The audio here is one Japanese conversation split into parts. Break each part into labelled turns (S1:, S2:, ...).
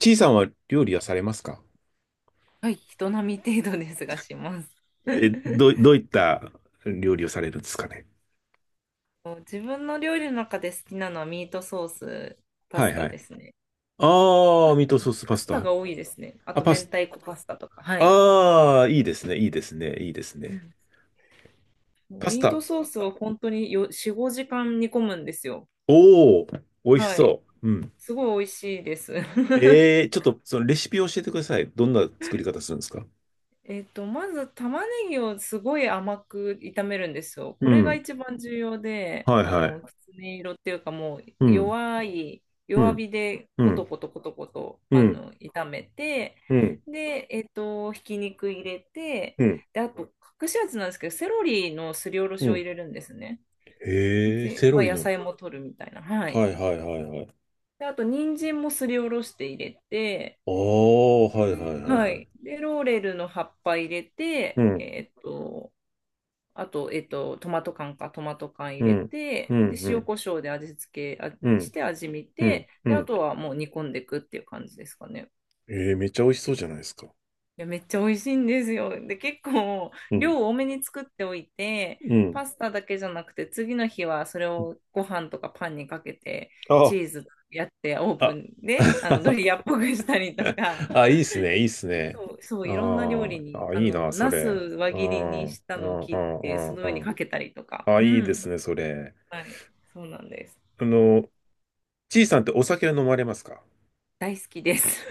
S1: ちいさんは料理はされますか？
S2: はい、人並み程度ですがします。
S1: え、ど う、どういった料理をされるんですかね。
S2: 自分の料理の中で好きなのはミートソース、パ
S1: は
S2: ス
S1: いは
S2: タで
S1: い。
S2: すね。
S1: ああ、ミートソースパ
S2: パ
S1: ス
S2: スタ
S1: タ。
S2: が多いですね。あ
S1: あ、
S2: と、
S1: パ
S2: 明
S1: ス、
S2: 太子パスタとか。はい。
S1: ああ、いいですね、いいですね、いいです
S2: う
S1: ね。
S2: ん、
S1: パス
S2: ミー
S1: タ。
S2: トソースを本当に4、5時間煮込むんですよ。
S1: おお、美味し
S2: はい。
S1: そう。うん。
S2: すごい美味しいです。
S1: ちょっとそのレシピを教えてください。どんな作り方するんですか？
S2: まず玉ねぎをすごい甘く炒めるんですよ。こ
S1: う
S2: れが
S1: ん。
S2: 一番重要で、
S1: はいはい。
S2: きつね色っていうかもう
S1: うん、う
S2: 弱
S1: ん、
S2: 火で
S1: う
S2: コト
S1: ん、
S2: コトコトコト、
S1: うん、
S2: 炒めて、
S1: うん、
S2: で、ひき肉入れて、
S1: うん、
S2: で、あと、隠し味なんですけど、セロリのすりおろ
S1: う
S2: しを入
S1: ん。
S2: れるんですね。
S1: へえ、
S2: で、
S1: セロ
S2: まあ、
S1: リ
S2: 野
S1: の。
S2: 菜も取るみたいな。は
S1: は
S2: い。
S1: いはいはいはい。
S2: で、あと、人参もすりおろして入れて、
S1: ああ、はいはいはい
S2: は
S1: はい。
S2: い。で、ローレルの葉っぱ入れ
S1: う
S2: て、
S1: ん、
S2: あと、トマト缶
S1: う
S2: 入れ
S1: ん、う
S2: て、で、
S1: ん、う
S2: 塩
S1: ん、
S2: コショウで味付け
S1: う
S2: し
S1: ん、
S2: て味見
S1: うん、
S2: て、
S1: う
S2: で、あ
S1: ん、
S2: とはもう煮込んでいくっていう感じですかね。
S1: ええめっちゃ美味しそうじゃないですか。
S2: いや、めっちゃ美味しいんですよ。で、結構、
S1: うん、
S2: 量を多めに作っておいて、
S1: うん。
S2: パスタだけじゃなくて、次の日はそれをご飯とかパンにかけて、チ
S1: あ、
S2: ーズやってオーブ
S1: あ、
S2: ンで、ド リアっぽくしたりとか、
S1: あ、いいっすね、いいっす ね。
S2: そう、そう、いろんな料
S1: あ
S2: 理
S1: あ、
S2: に、
S1: あ、いいな、そ
S2: ナス
S1: れ。
S2: 輪
S1: う
S2: 切り
S1: ん、
S2: に
S1: うん、
S2: した
S1: う
S2: のを切
S1: ん、
S2: って、その
S1: う
S2: 上
S1: ん、
S2: に
S1: うん。
S2: かけたりとか、
S1: あ、
S2: う
S1: いいで
S2: ん、
S1: すね、それ。
S2: はい、そうなんです。
S1: あの、ちいさんってお酒は飲まれますか？
S2: 大好きです。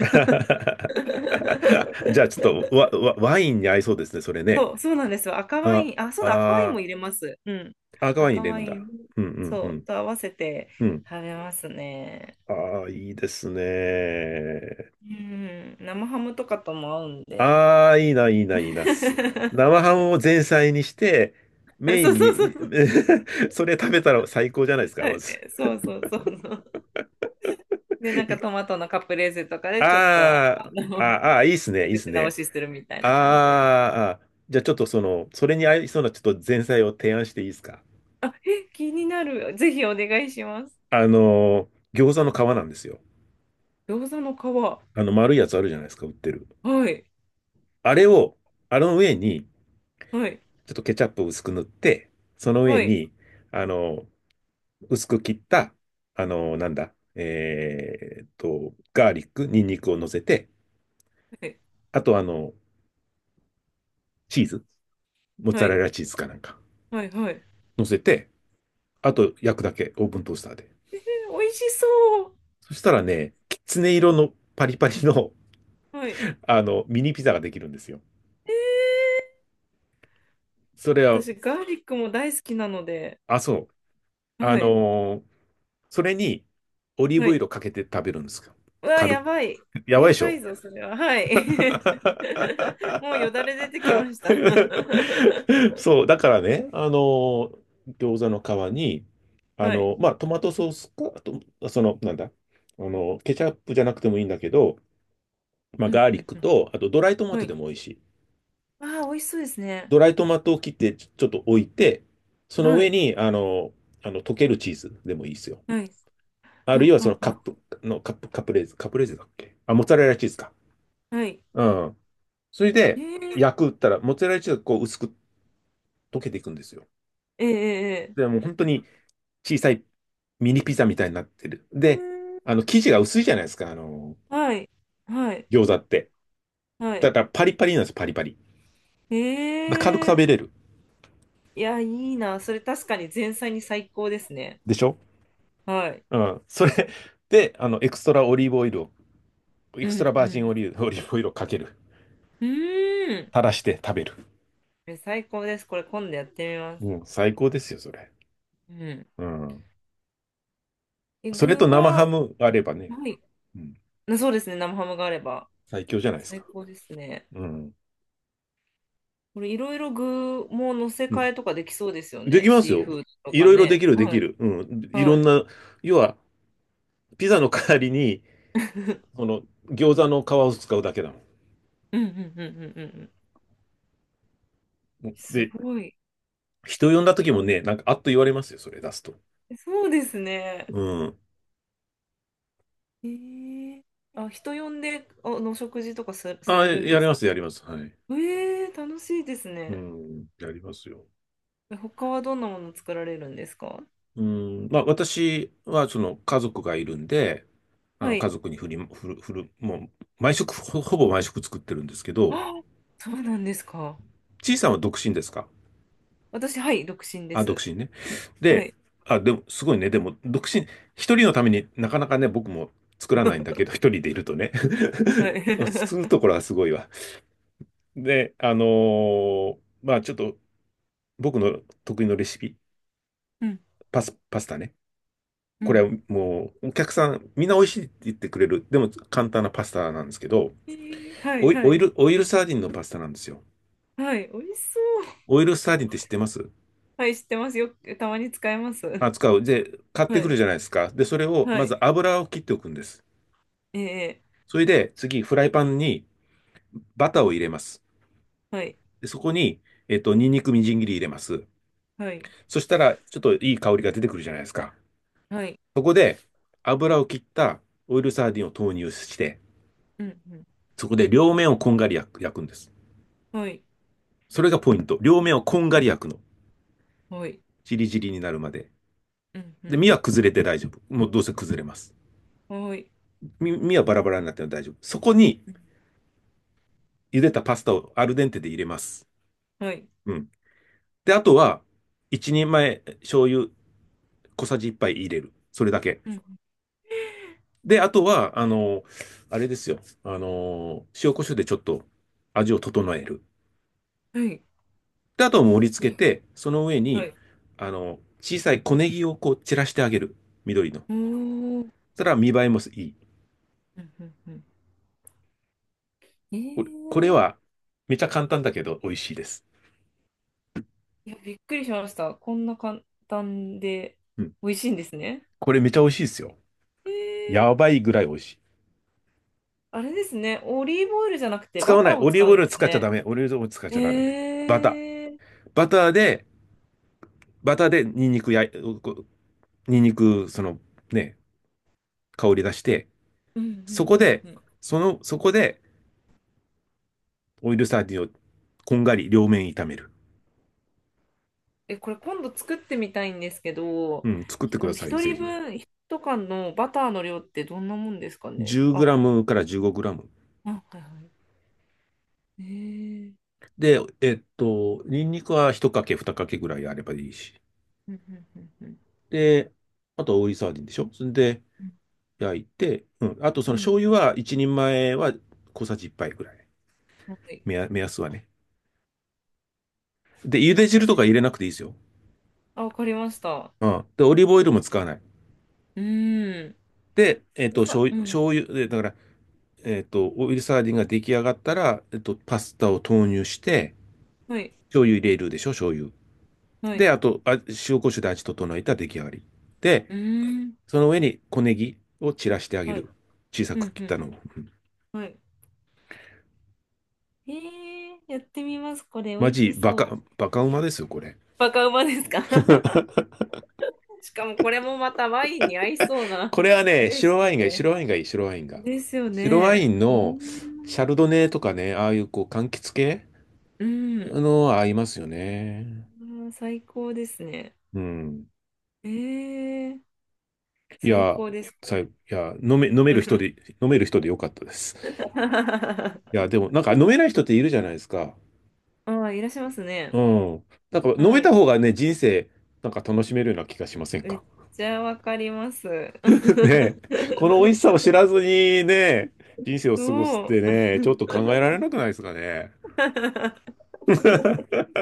S1: じゃあ、ち ょっとワインに合いそうですね、それね。
S2: そう、そうなんですよ。赤ワ
S1: あ、
S2: イン、あ、そうだ、赤ワイン
S1: あ
S2: も入れます。うん。
S1: 赤ワイン入
S2: 赤
S1: れる
S2: ワ
S1: ん
S2: イン、
S1: だ。うん、う
S2: そ
S1: ん、う
S2: う、と合わせて
S1: ん、うん。
S2: 食べますね。
S1: ああ、いいですね。
S2: うん、生ハムとかとも合うんで。
S1: ああ、いいな、いいな、いいな。生ハムを前菜にして、メイ
S2: そう
S1: ン
S2: そうそう
S1: に、
S2: そう。
S1: それ食べたら最高じゃないですか、
S2: は
S1: ま
S2: い。
S1: ず。
S2: そうそうそうそう。で、なんかト
S1: い
S2: マトのカプレーゼとかでちょっと
S1: あー
S2: の
S1: あ、あーいいっすね、
S2: お
S1: いいっす
S2: 口直
S1: ね。
S2: しするみたいな感じです。
S1: じゃあちょっとその、それに合いそうなちょっと前菜を提案していいですか？
S2: あ、え、気になる。ぜひお願いします。
S1: 餃子の皮なんですよ。
S2: 餃子の皮。
S1: あの、丸いやつあるじゃないですか、売ってる。
S2: はい。
S1: あれを、あの上に、
S2: はい、
S1: ちょっとケチャップを薄く塗って、その上
S2: はい、
S1: に、あの、薄く切った、あの、なんだ、えーっと、ガーリック、ニンニクを乗せて、
S2: はい、
S1: あと、あの、チーズ、モッ
S2: は
S1: ツァレ
S2: い、
S1: ラチーズかなんか、
S2: はい、はい。
S1: 乗せて、あと焼くだけ、オーブントースターで。
S2: 美味しそ
S1: そしたらね、きつね色のパリパリの、
S2: う。はい。
S1: あの、ミニピザができるんですよ。それは、
S2: 私、ガーリックも大好きなので、
S1: あ、そう。あ
S2: はい、
S1: のーそれに、オリー
S2: は
S1: ブオイ
S2: い。
S1: ルかけて食べるんですよ。
S2: うわ、
S1: 軽
S2: や
S1: く。
S2: ばい。
S1: やばいで
S2: や
S1: し
S2: ば
S1: ょ？
S2: いぞ、それは。はい。もうよだれ出てきました。
S1: そう、だからね、あの、餃子の皮に、あ
S2: はい。
S1: の、まあ、トマトソースか、あと、その、なんだ、あの、ケチャップじゃなくてもいいんだけど、まあ、
S2: うん
S1: ガー
S2: う
S1: リッ
S2: ん
S1: ク
S2: う
S1: と、
S2: ん。
S1: あとドライトマト
S2: はい。
S1: でも美味しい。
S2: ああ、美味しそうですね。
S1: ドライトマトを切ってちょっと置いて、その
S2: は
S1: 上
S2: い。
S1: に、溶けるチーズでもいいですよ。
S2: はい。
S1: あ
S2: は
S1: るいはその
S2: はは
S1: カプレーゼだっけ？あ、モッツァレラチーズか。
S2: はい。
S1: うん。それ
S2: え
S1: で、
S2: ー、
S1: 焼くったら、モッツァレラチーズがこう薄く溶けていくんですよ。
S2: えー、えーえ
S1: で、もう本当に小さいミニピザみたいになってる。で、
S2: う
S1: あの、生地が薄いじゃないですか、あの、
S2: ーん。はい。はい。
S1: 餃子って。
S2: は
S1: だ
S2: い。
S1: からパリパリなんですよ、パリパリ。
S2: え
S1: だから軽く食
S2: え、
S1: べれる。
S2: いや、いいな。それ確かに前菜に最高ですね。
S1: でしょ？
S2: はい。
S1: うん。それで、あの、エクストラオリーブオイルを、エ
S2: う
S1: クストラ
S2: んう
S1: バージン
S2: ん。
S1: オリーブオイルをかける。
S2: うーん。
S1: 垂らして食べる。
S2: 最高です。これ今度やってみま
S1: う
S2: す。
S1: ん、最高ですよ、それ。
S2: うん。
S1: うん。そ
S2: 具
S1: れと生ハ
S2: は、
S1: ムあればね、
S2: はい。
S1: うん、
S2: そうですね。生ハムがあれば。
S1: 最強じゃないです
S2: 最
S1: か。
S2: 高ですね。
S1: うん。
S2: これいろいろ具も乗せ
S1: うん。
S2: 替えとかできそうですよ
S1: でき
S2: ね。
S1: ます
S2: シー
S1: よ。
S2: フードと
S1: い
S2: か
S1: ろいろで
S2: ね。
S1: きる、で
S2: は
S1: き
S2: い。
S1: る。うん。いろ
S2: は
S1: ん
S2: い。
S1: な、要は、ピザの代わりに、そ の、餃子の皮を使うだけだ
S2: うんうんうんうんうんうん。
S1: もん。
S2: す
S1: で、
S2: ごい。
S1: 人呼んだ時もね、なんか、あっと言われますよ、それ出すと。
S2: そうですね。
S1: うん。
S2: えー、あ、人呼んで、お食事とかさ、さ
S1: あ、
S2: れるん
S1: や
S2: で
S1: り
S2: す？
S1: ます、やります。はい。
S2: え楽しいです
S1: う
S2: ね。
S1: ん、やりますよ。
S2: 他はどんなもの作られるんですか？
S1: うん、まあ、私は、その、家族がいるんで、あ
S2: は
S1: の、家
S2: い。
S1: 族に振り、振る、振る、もう、毎食、ほぼ毎食作ってるんですけ
S2: あ、
S1: ど、
S2: そうなんですか。
S1: ちいさんは独身ですか？
S2: 私、はい、独身で
S1: あ、独
S2: す。
S1: 身ね。
S2: は
S1: で、
S2: い。
S1: あ、でも、すごいね。でも、独身、一人のためになかなかね、僕も作らないんだけど、一人でいるとね。
S2: はい。
S1: すると ころはすごいわ。で、ーまあちょっと僕の得意のレシピ、
S2: うん、
S1: パスタね。
S2: う
S1: これ
S2: ん。
S1: はもうお客さんみんな美味しいって言ってくれる。でも簡単なパスタなんですけど、
S2: はい、はい。
S1: オイルサーディンのパスタなんですよ。
S2: はい、美味しそう。
S1: オイルサーディンって知ってます？
S2: はい、知ってますよ。たまに使えます。は
S1: あ、使う。で、買って
S2: い、
S1: くるじゃないですか。で、それを
S2: は
S1: ま
S2: い。
S1: ず油を切っておくんです。
S2: ええ、
S1: それで次フライパンにバターを入れます。
S2: はい、
S1: で、そこに、ニンニクみじん切り入れます。
S2: はい、
S1: そしたらちょっといい香りが出てくるじゃないですか。
S2: はい。
S1: そこで油を切ったオイルサーディンを投入して、
S2: うん、うん。
S1: そこで両面をこんがり焼くんです。
S2: はい、
S1: それがポイント。両面をこんがり焼くの。
S2: はい。
S1: ジリジリになるまで。
S2: うん、う
S1: で、
S2: ん。
S1: 身は崩れて大丈夫。もうどうせ崩れます。
S2: はい。
S1: 身はバラバラになっても大丈夫。そこに
S2: うん、
S1: 茹でたパスタをアルデンテで入れます。
S2: はい。
S1: うん。で、あとは、一人前醤油小さじ一杯入れる。それだけ。
S2: うん、
S1: で、あとは、あの、あれですよ。あの、塩コショウでちょっと味を整える。
S2: はい。
S1: で、あとは盛り付けて、その上
S2: は
S1: に、
S2: い。
S1: あの、小さい小ネギをこう散らしてあげる。緑の。そし
S2: おー。
S1: たら見栄えもいい。
S2: うん、うん、うん。
S1: これ
S2: ええ、
S1: は、めちゃ簡単だけど美味しいです。
S2: いや、びっくりしました。こんな簡単で
S1: うん。
S2: 美味しいんですね。
S1: これめちゃ美味しいですよ。
S2: えー、
S1: やばいぐらい美味しい。
S2: あれですね。オリーブオイルじゃなくて
S1: 使
S2: バ
S1: わ
S2: タ
S1: な
S2: ー
S1: い。
S2: を
S1: オリー
S2: 使
S1: ブオ
S2: う
S1: イ
S2: んで
S1: ル
S2: す
S1: 使っちゃ
S2: ね。
S1: ダメ。オリーブオイル使っち
S2: え
S1: ゃダメ。バター。
S2: ー、
S1: バターでニンニクや、こうニンニク、そのね、香り出して、
S2: うんう
S1: そ
S2: ん
S1: こ
S2: うん
S1: で、
S2: うん。
S1: そこで、オイルサーディンをこんがり両面炒める。
S2: これ今度作ってみたいんですけど、
S1: うん、作っ
S2: ひ
S1: てく
S2: あ
S1: だ
S2: の
S1: さいよ、
S2: 一
S1: ぜ
S2: 人
S1: ひ。
S2: 分、一缶のバターの量ってどんなもんですかね。
S1: 10グ
S2: あ、
S1: ラムから15グラム。
S2: あ、はい、はい。
S1: で、ニンニクは1かけ、2かけぐらいあればいいし。
S2: うんうんうんうん。
S1: で、あと、オイルサーディンでしょ？それで、
S2: う
S1: 焼いて、うん。あと、その
S2: ん、うん。
S1: 醤油は、1人前は小さじ1杯ぐらい。
S2: はい。
S1: 目安、目安はね。で、茹で汁とか入れなくていいですよ。
S2: あ、わかりました。
S1: うん。で、オリーブオイルも使わない。
S2: うーん。
S1: で、
S2: やっ
S1: 醤
S2: ぱ、う
S1: 油、
S2: ん。
S1: 醤油、でだから、オイルサーディンが出来上がったら、パスタを投入して、
S2: はい、
S1: 醤油入れるでしょ、醤油。
S2: は
S1: で、
S2: い。
S1: あと、塩コショウで味整えたら出来上がり。で、
S2: うーん。
S1: その上に小ネギを散らしてあげ
S2: はい。
S1: る。小さ
S2: う
S1: く
S2: ん
S1: 切っ
S2: うん
S1: たのを。うん
S2: うん。はい。えやってみます。これ、
S1: マ
S2: 美味
S1: ジ、
S2: しそう。
S1: バカうまですよ、これ。
S2: バカうまですか？ しかもこれもまたワインに合いそうな
S1: これは ね、
S2: レシ
S1: 白ワ
S2: ピ
S1: インがいい、
S2: で。
S1: 白ワインがいい、白ワインが。
S2: ですよ
S1: 白ワイ
S2: ね。
S1: ン
S2: うー
S1: のシ
S2: ん。
S1: ャルドネとかね、ああいうこう、柑橘系
S2: うん。
S1: の合いますよね。
S2: あー最高ですね。
S1: うん。
S2: えー、
S1: い
S2: 最
S1: や、
S2: 高です。こ
S1: さ、
S2: れ
S1: いや、飲める人でよかったです。い や、でも、なんか飲めない人っているじゃないですか。
S2: ああ、いらっしゃいますね。
S1: うん。なんか飲め
S2: は
S1: た
S2: い。
S1: 方がね、人生、なんか楽しめるような気がしません
S2: めっ
S1: か
S2: ちゃわかります。
S1: ね？この美味しさを 知らずにね、人生を過ごすっ
S2: そ
S1: て
S2: う。
S1: ね、ちょっと考えられなくないですかね。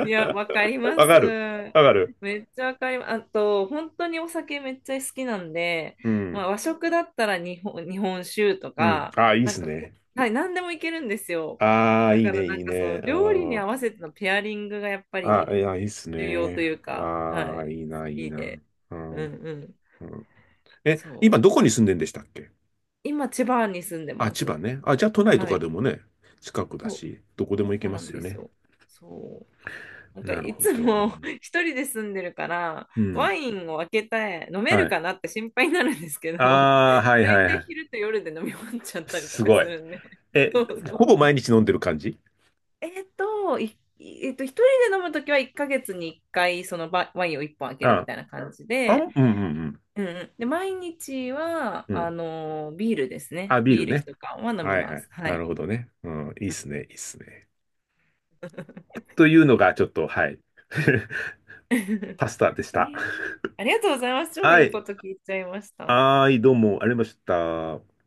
S2: いや、わかりま
S1: わ
S2: す。
S1: かる。わかる。
S2: めっちゃわかります。あと、本当にお酒めっちゃ好きなんで、
S1: う
S2: ま
S1: ん。
S2: あ、和食だったら日本酒と
S1: うん。
S2: か、
S1: ああ、いいっ
S2: なん
S1: す
S2: か、
S1: ね。
S2: はい、何でもいけるんですよ。
S1: ああ、
S2: だ
S1: いい
S2: から、
S1: ね、
S2: な
S1: い
S2: ん
S1: い
S2: かそ
S1: ね。
S2: の
S1: う
S2: 料理に合
S1: ん
S2: わせてのペアリングがやっぱり
S1: いいっす
S2: 重要と
S1: ね。
S2: いうか、は
S1: あ
S2: い、
S1: あ、
S2: 好
S1: いいな、いい
S2: き
S1: な。
S2: で。
S1: う
S2: う
S1: ん。
S2: んうん。
S1: うん今
S2: そう。
S1: どこに住んでんでしたっけ？
S2: 今、千葉に住んで
S1: あ、
S2: ま
S1: 千葉
S2: す。
S1: ね。あ、じゃあ都内と
S2: は
S1: か
S2: い。
S1: でもね、近くだし、どこでも行け
S2: そう
S1: ま
S2: なん
S1: すよ
S2: です
S1: ね。
S2: よ。そう。なんか
S1: なる
S2: い
S1: ほ
S2: つ
S1: ど。
S2: も 一人で住んでるから、
S1: う
S2: ワ
S1: ん。
S2: インを開けて飲め
S1: は
S2: る
S1: い。
S2: かなって心配になるんですけど、
S1: ああ、はいは
S2: 大
S1: い
S2: 体
S1: はい。
S2: 昼と夜で飲み終わっちゃったりと
S1: す
S2: か
S1: ごい。
S2: するんで。
S1: え、
S2: そうそ
S1: ほぼ
S2: う。
S1: 毎日飲んでる感じ？
S2: えっと、いえっと、一人で飲むときは1ヶ月に1回そのワインを1本開けるみ
S1: あ、
S2: たいな感じ
S1: あ
S2: で、
S1: ん、うんうん
S2: うんうん、で、毎日は、
S1: うん。うん。
S2: ビールですね。
S1: あ、ビー
S2: ビ
S1: ル
S2: ール
S1: ね。
S2: 一缶は飲み
S1: はい
S2: ま
S1: は
S2: す。
S1: い。
S2: は
S1: な
S2: い。
S1: るほどね。うん、いいっすね、いいっすね。というのが、ちょっと、はい。パスタでし
S2: え
S1: た。
S2: ーありがとうございます。超
S1: は
S2: いい
S1: い。
S2: こと聞いちゃいました。
S1: はい、どうも、ありがとうございました。